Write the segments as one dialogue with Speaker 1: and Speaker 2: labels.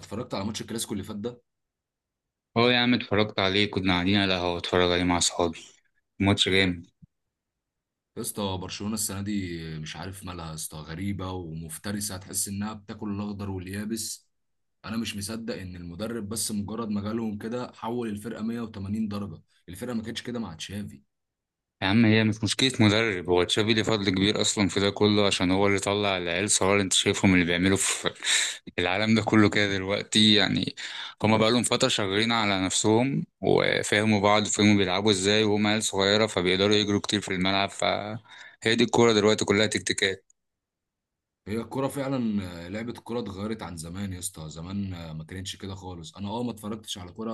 Speaker 1: اتفرجت على ماتش الكلاسيكو اللي فات ده.
Speaker 2: هو يا عم، اتفرجت عليه كنا قاعدين على القهوة اتفرج عليه مع صحابي. ماتش جامد.
Speaker 1: يا اسطى، برشلونه السنه دي مش عارف مالها، يا اسطى غريبه ومفترسه، هتحس انها بتاكل الاخضر واليابس. انا مش مصدق ان المدرب بس مجرد ما جالهم كده حول الفرقه 180 درجه. الفرقه ما كانتش كده مع تشافي.
Speaker 2: يا عم، هي مش مشكلة مدرب، هو تشافي ليه فضل كبير أصلا في ده كله، عشان هو اللي طلع العيال صغار اللي أنت شايفهم اللي بيعملوا في العالم ده كله كده دلوقتي يعني. هما بقالهم فترة شغالين على نفسهم وفهموا بعض وفهموا بيلعبوا ازاي، وهما عيال صغيرة فبيقدروا يجروا كتير في الملعب. فهي دي الكورة دلوقتي، كلها تكتيكات.
Speaker 1: هي الكرة فعلا، لعبة الكرة اتغيرت عن زمان يا اسطى. زمان ما كانتش كده خالص. انا ما اتفرجتش على كرة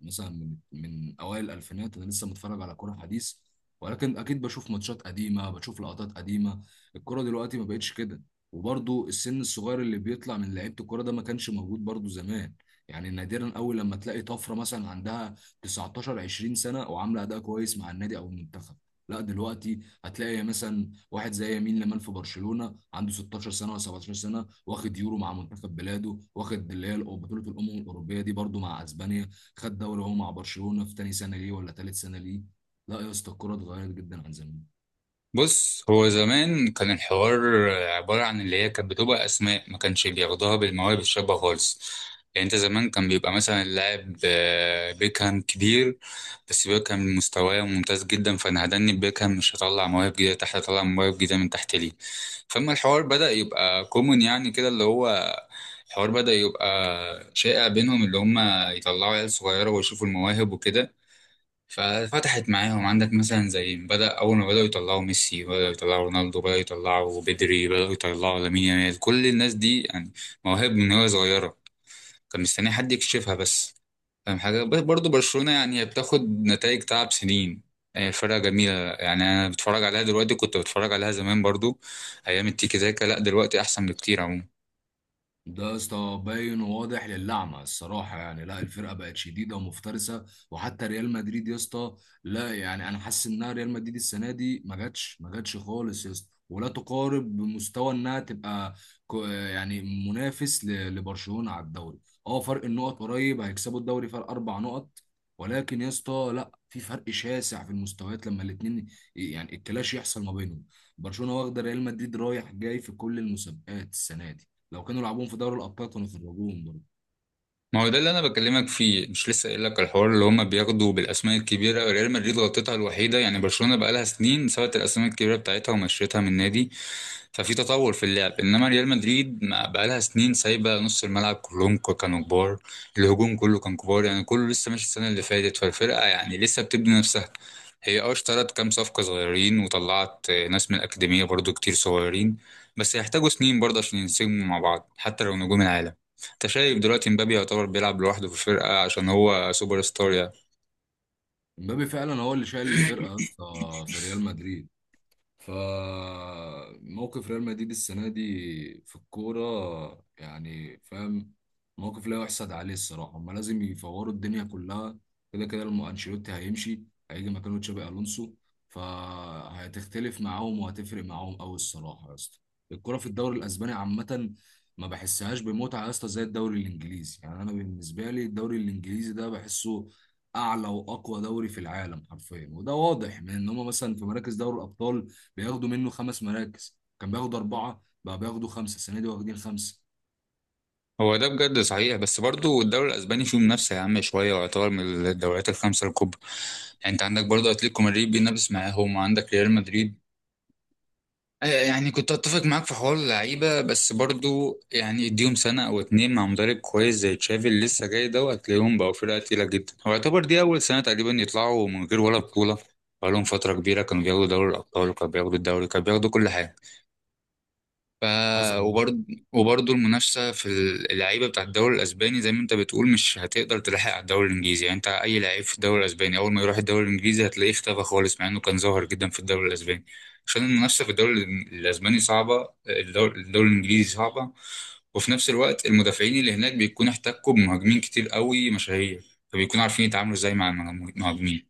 Speaker 1: مثلا من اوائل الالفينات، انا لسه متفرج على كرة حديث. ولكن اكيد بشوف ماتشات قديمة، بشوف لقطات قديمة. الكرة دلوقتي ما بقتش كده. وبرضو السن الصغير اللي بيطلع من لعيبة الكرة ده ما كانش موجود برضو زمان. يعني نادرا قوي لما تلاقي طفرة مثلا عندها 19 20 سنة وعاملة اداء كويس مع النادي او المنتخب. لا دلوقتي هتلاقي مثلا واحد زي يمين لمال في برشلونة عنده 16 سنه ولا 17 سنه، واخد يورو مع منتخب بلاده، واخد اللي هي بطوله الامم الاوروبيه دي برده مع اسبانيا. خد دوري هو مع برشلونه في تاني سنه ليه ولا تالت سنه ليه. لا يا اسطى، الكوره اتغيرت جدا عن زمان.
Speaker 2: بص، هو زمان كان الحوار عبارة عن اللي هي كانت بتبقى أسماء، ما كانش بياخدوها بالمواهب الشابة خالص. يعني أنت زمان كان بيبقى مثلا اللاعب بيكهام كبير. بس بيكهام مستواه ممتاز جدا، فأنا هدني بيكهام مش هطلع مواهب جديدة تحت، هطلع مواهب جديدة من تحت ليه. فأما الحوار بدأ يبقى كومون، يعني كده اللي هو الحوار بدأ يبقى شائع بينهم، اللي هم يطلعوا عيال صغيرة ويشوفوا المواهب وكده. ففتحت معاهم. عندك مثلا زي بدأ، أول ما بدأوا يطلعوا ميسي، بدأوا يطلعوا رونالدو، بدأوا يطلعوا بدري، بدأوا يطلعوا لامين يامال، كل الناس دي يعني مواهب من وهي صغيرة، كان مستني حد يكشفها بس. فاهم حاجة، برضه برشلونة يعني هي بتاخد نتائج تعب سنين. هي فرقة جميلة، يعني أنا بتفرج عليها دلوقتي كنت بتفرج عليها زمان برضه أيام التيكي تاكا. لأ، دلوقتي أحسن بكتير عموما.
Speaker 1: ده يا اسطى باين وواضح للعمى الصراحه، يعني لا، الفرقه بقت شديده ومفترسه. وحتى ريال مدريد يا اسطى، لا يعني انا حاسس انها ريال مدريد السنه دي ما جاتش، ما جاتش خالص يا اسطى، ولا تقارب بمستوى انها تبقى يعني منافس لبرشلونه على الدوري. اه، فرق النقط قريب، هيكسبوا الدوري فرق اربع نقط، ولكن يا اسطى لا، في فرق شاسع في المستويات لما الاثنين يعني الكلاش يحصل ما بينهم. برشلونه واخده ريال مدريد رايح جاي في كل المسابقات السنه دي. لو كانوا لعبوهم في دوري الابطال كانوا خرجوهم برضه.
Speaker 2: ما هو ده اللي انا بكلمك فيه، مش لسه قايل لك الحوار اللي هما بياخدوا بالاسماء الكبيره؟ ريال مدريد غلطتها الوحيده، يعني برشلونه بقى لها سنين سابت الاسماء الكبيره بتاعتها ومشيتها من النادي. ففي تطور في اللعب، انما ريال مدريد ما بقالها سنين سايبه. نص الملعب كلهم كانوا كبار. الهجوم كله كان كبار، يعني كله لسه ماشي السنه اللي فاتت، فالفرقه يعني لسه بتبني نفسها. هي اشترت كام صفقه صغيرين، وطلعت ناس من الاكاديميه برضو كتير صغيرين. بس هيحتاجوا سنين برضه عشان ينسجموا مع بعض، حتى لو نجوم العالم. انت شايف دلوقتي مبابي يعتبر بيلعب لوحده في الفرقه، عشان هو سوبر ستار يعني.
Speaker 1: امبابي فعلا هو اللي شايل الفرقه يا اسطى في ريال مدريد. فموقف ريال مدريد السنة دي في الكورة يعني، فاهم، موقف لا يحسد عليه الصراحة. هما لازم يفوروا الدنيا كلها، كده كده أنشيلوتي هيمشي، هيجي مكانه تشابي ألونسو، فهتختلف معاهم وهتفرق معاهم أوي الصراحة يا اسطى. الكورة في الدوري الأسباني عامة ما بحسهاش بمتعة يا اسطى زي الدوري الإنجليزي. يعني أنا بالنسبة لي الدوري الإنجليزي ده بحسه أعلى وأقوى دوري في العالم حرفيا، وده واضح من إن هما مثلا في مراكز دوري الأبطال بياخدوا منه خمس مراكز. كان بياخدوا اربعه، بقى بياخدوا خمسه، السنه دي واخدين خمسه.
Speaker 2: هو ده بجد صحيح، بس برضو الدوري الاسباني فيه منافسه يا عم شويه، ويعتبر من الدوريات الخمسه الكبرى. يعني انت عندك برضو اتلتيكو مدريد بينافس معاهم، وعندك ريال مدريد. يعني كنت اتفق معاك في حوار اللعيبه، بس برضو يعني اديهم سنه او اتنين مع مدرب كويس زي تشافي اللي لسه جاي ده، وهتلاقيهم بقوا فرقه تقيله جدا. هو يعتبر دي اول سنه تقريبا يطلعوا من غير ولا بطوله. بقالهم فتره كبيره كانوا بياخدوا دوري الابطال، وكانوا بياخدوا الدوري، كانوا بياخدوا كل حاجه. ف
Speaker 1: حصل.
Speaker 2: وبرضه وبرضه المنافسة في اللعيبة بتاع الدوري الأسباني زي ما أنت بتقول، مش هتقدر تلحق على الدوري الإنجليزي. يعني أنت أي لعيب في الدوري الأسباني أول ما يروح الدوري الإنجليزي هتلاقيه اختفى خالص، مع إنه كان ظاهر جدا في الدوري الأسباني، عشان المنافسة في الدوري الأسباني صعبة. الدوري الإنجليزي صعبة، وفي نفس الوقت المدافعين اللي هناك بيكونوا احتكوا بمهاجمين كتير قوي مشاهير، فبيكونوا عارفين يتعاملوا إزاي مع المهاجمين.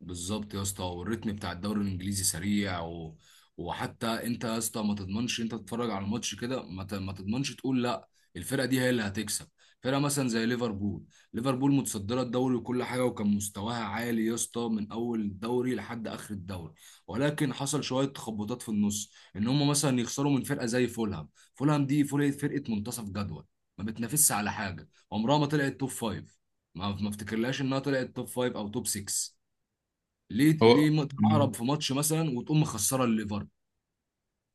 Speaker 1: بالظبط يا اسطى، والريتم بتاع الدوري الانجليزي سريع وحتى انت يا اسطى ما تضمنش. انت تتفرج على الماتش كده ما تضمنش تقول لا الفرقه دي هي اللي هتكسب. فرقه مثلا زي ليفربول، ليفربول متصدره الدوري وكل حاجه، وكان مستواها عالي يا اسطى من اول الدوري لحد اخر الدوري. ولكن حصل شويه تخبطات في النص، ان هم مثلا يخسروا من فرقه زي فولهام. فولهام دي فرقه منتصف جدول، ما بتنافسش على حاجه، عمرها ما طلعت توب فايف، ما افتكرلهاش انها طلعت توب فايف او توب 6. ليه
Speaker 2: هو
Speaker 1: ليه تتعرب في ماتش مثلا وتقوم مخسره الليفر.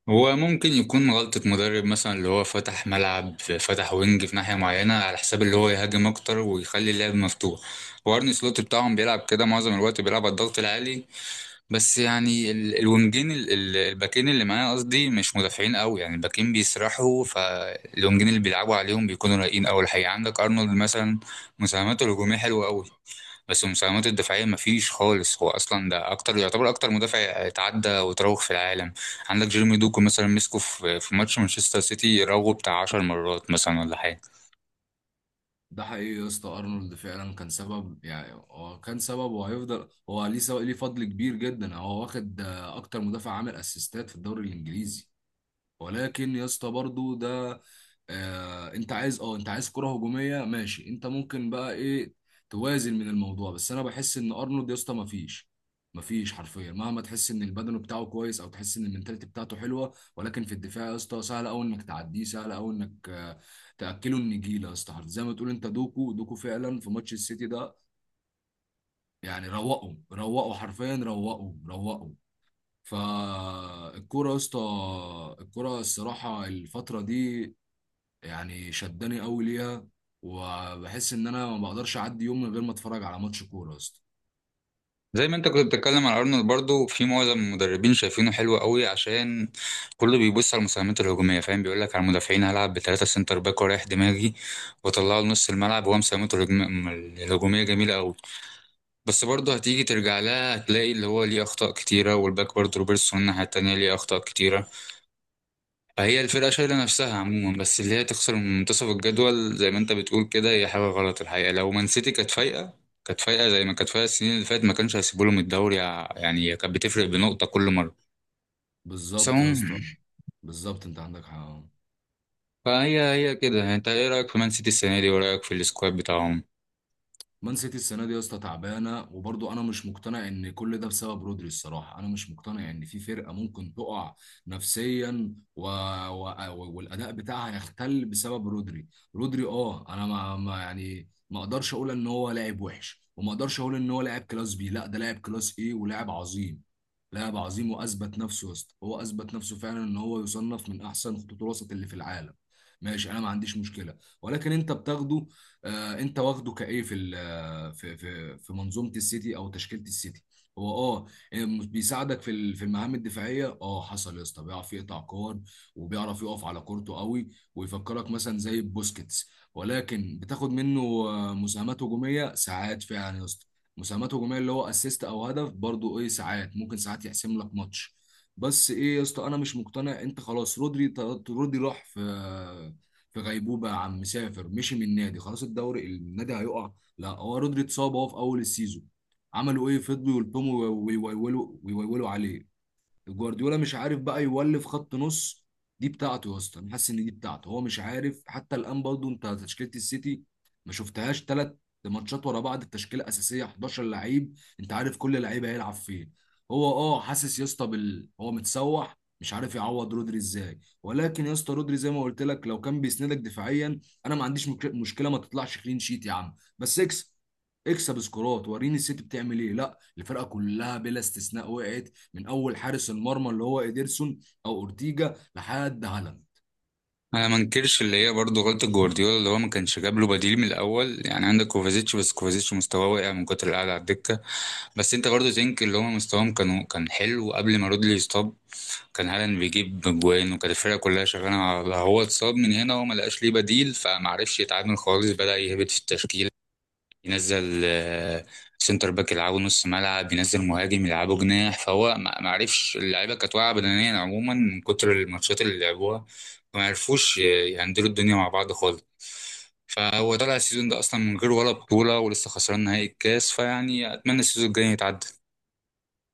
Speaker 2: هو ممكن يكون غلطة مدرب مثلا، اللي هو فتح ملعب، فتح وينج في ناحية معينة على حساب اللي هو يهاجم أكتر ويخلي اللعب مفتوح. وارني سلوت بتاعهم بيلعب كده معظم الوقت، بيلعب على الضغط العالي. بس يعني الباكين اللي معايا قصدي، مش مدافعين قوي يعني. الباكين بيسرحوا، فالوينجين اللي بيلعبوا عليهم بيكونوا رايقين قوي الحقيقة. عندك أرنولد مثلا، مساهماته الهجومية حلوة قوي، بس المساهمات الدفاعية مفيش خالص. هو أصلا ده أكتر، يعتبر أكتر مدافع اتعدى وتراوغ في العالم. عندك جيرمي دوكو مثلا، مسكه في ماتش مانشستر سيتي، راوغه بتاع 10 مرات مثلا ولا حاجة.
Speaker 1: ده حقيقي يا اسطى، ارنولد فعلا كان سبب، يعني هو كان سبب وهيفضل هو ليه سبب، ليه فضل كبير جدا. هو واخد اكتر مدافع عامل اسيستات في الدوري الانجليزي. ولكن يا اسطى برضو ده، انت عايز، انت عايز كرة هجومية، ماشي، انت ممكن بقى ايه، توازن من الموضوع. بس انا بحس ان ارنولد يا اسطى مفيش حرفيا، مهما تحس ان البدن بتاعه كويس او تحس ان المنتاليتي بتاعته حلوه، ولكن في الدفاع يا اسطى سهل قوي انك تعديه، سهل قوي انك، تاكله النجيله يا اسطى. زي ما تقول، انت دوكو دوكو فعلا في ماتش السيتي ده، يعني روقوا روقوا حرفيا، روقوا روقوا. فالكورة يا اسطى، الكورة الصراحة الفترة دي يعني شداني قوي ليها، وبحس ان انا ما بقدرش اعدي يوم من غير ما اتفرج على ماتش كورة يا اسطى.
Speaker 2: زي ما أنت كنت بتتكلم عن أرنولد، برضو في معظم المدربين شايفينه حلو قوي، عشان كله بيبص على المساهمات الهجومية. فاهم، بيقول لك على المدافعين هلعب ب3 سنتر باك ورايح دماغي، وأطلعه لنص الملعب، وهو مساهمته الهجومية جميلة قوي. بس برضه هتيجي ترجع لها هتلاقي اللي هو ليه أخطاء كتيرة، والباك برضه روبرتسون الناحية التانية ليه أخطاء كتيرة. هي الفرقة شايلة نفسها عموما، بس اللي هي تخسر من منتصف الجدول زي ما انت بتقول كده هي حاجة غلط الحقيقة. لو مان سيتي كانت فايقة، كانت فايقة زي ما كانت فايقة السنين اللي فاتت، ما كانش هيسيبوا لهم الدوري يعني كانت بتفرق بنقطة كل مرة. بس
Speaker 1: بالظبط يا اسطى.
Speaker 2: عموما،
Speaker 1: بالظبط، انت عندك حق.
Speaker 2: فهي هي كده. انت ايه رأيك في مان سيتي السنة دي ورأيك في السكواد بتاعهم؟
Speaker 1: مان سيتي السنه دي يا اسطى تعبانه، وبرضه انا مش مقتنع ان كل ده بسبب رودري. الصراحه انا مش مقتنع ان في فرقه ممكن تقع نفسيا و... والاداء بتاعها يختل بسبب رودري. رودري، انا ما اقدرش اقول ان هو لاعب وحش، وما اقدرش اقول ان هو لاعب كلاس بي، لا ده لاعب كلاس ايه، ولاعب عظيم. لاعب عظيم واثبت نفسه يا اسطى، هو اثبت نفسه فعلا ان هو يصنف من احسن خطوط الوسط اللي في العالم، ماشي، انا ما عنديش مشكله. ولكن انت بتاخده، انت واخده كايه في في منظومه السيتي او تشكيله السيتي. هو بيساعدك في في المهام الدفاعيه، حصل يا اسطى، بيعرف يقطع كور، وبيعرف يقف على كورته قوي، ويفكرك مثلا زي بوسكيتس. ولكن بتاخد منه مساهمات هجوميه ساعات فعلا يا اسطى، مساهمات هجوميه اللي هو اسيست او هدف، برضو ايه ساعات ممكن ساعات يحسم لك ماتش. بس ايه يا اسطى، انا مش مقتنع انت خلاص رودري، رودري راح في في غيبوبه يا عم، مسافر مشي من النادي، خلاص الدوري النادي هيقع. لا هو رودري اتصاب هو في اول السيزون، عملوا ايه، فضلوا يلطموا ويولوا ويولوا عليه. جوارديولا مش عارف بقى يولف خط نص، دي بتاعته يا اسطى، انا حاسس ان دي بتاعته، هو مش عارف حتى الان برضه. انت تشكيله السيتي ما شفتهاش ثلاث ماتشات ورا بعض التشكيله الاساسيه 11 لعيب، انت عارف كل لعيب هيلعب فين. هو حاسس يا اسطى بال، هو متسوح مش عارف يعوض رودري ازاي. ولكن يا اسطى رودري زي ما قلت لك، لو كان بيسندك دفاعيا، انا ما عنديش مشكله، ما تطلعش كلين شيت يا عم بس اكسب. اكسب سكورات وريني السيتي بتعمل ايه. لا الفرقه كلها بلا استثناء وقعت، من اول حارس المرمى اللي هو ايدرسون او اورتيجا لحد هالاند.
Speaker 2: انا ما انكرش اللي هي برضه غلطة جوارديولا، اللي هو ما كانش جاب له بديل من الاول. يعني عندك كوفازيتش، بس كوفازيتش مستواه واقع من كتر القعدة على الدكة. بس انت برضه تنك اللي هو مستواهم كانوا كان حلو قبل ما رودلي يصاب. كان هالاند بيجيب جوان، وكانت الفرقه كلها شغاله على هو. اتصاب من هنا وما لقاش ليه بديل، فمعرفش يتعامل خالص، بدأ يهبط في التشكيل. ينزل سنتر باك يلعبه نص ملعب، ينزل مهاجم يلعبه جناح. فهو ما عرفش. اللعيبه كانت واقعه بدنيا عموما من كتر الماتشات اللي لعبوها، فما عرفوش يهندلوا الدنيا مع بعض خالص. فهو طلع السيزون ده اصلا من غير ولا بطوله، ولسه خسران نهائي الكاس. فيعني اتمنى السيزون الجاي يتعدى.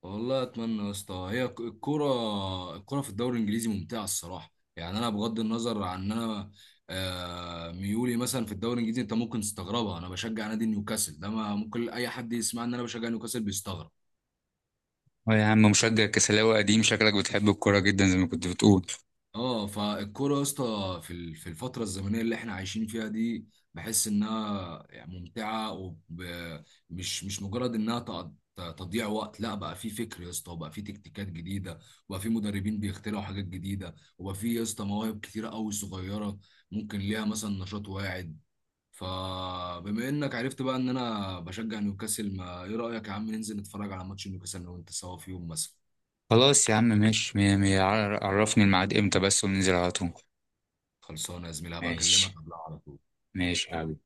Speaker 1: والله اتمنى يا اسطى. هي الكرة، الكرة في الدوري الانجليزي ممتعة الصراحة. يعني انا بغض النظر عن ان انا، ميولي مثلا في الدوري الانجليزي انت ممكن تستغربها، انا بشجع نادي نيوكاسل. ده ما ممكن اي حد يسمع ان انا بشجع نيوكاسل بيستغرب.
Speaker 2: يا عم، مشجع كسلاوي قديم شكلك، بتحب الكوره جدا زي ما كنت بتقول.
Speaker 1: اه، فالكوره يا اسطى في في الفتره الزمنيه اللي احنا عايشين فيها دي، بحس انها يعني ممتعه، ومش مش مجرد انها تضييع وقت. لا بقى في فكر يا اسطى، وبقى في تكتيكات جديده، وبقى في مدربين بيخترعوا حاجات جديده، وبقى في يا اسطى مواهب كتيره قوي صغيره، ممكن ليها مثلا نشاط واعد. فبما انك عرفت بقى ان انا بشجع نيوكاسل، ما ايه رايك يا عم ننزل نتفرج على ماتش نيوكاسل انا وانت سوا في يوم مثلا؟
Speaker 2: خلاص يا عم، ماشي مية مية. عرفني الميعاد امتى بس وننزل على طول.
Speaker 1: خلصانه يا زميلي، هبقى اكلمك
Speaker 2: ماشي.
Speaker 1: قبلها على طول.
Speaker 2: ماشي يا حبيبي.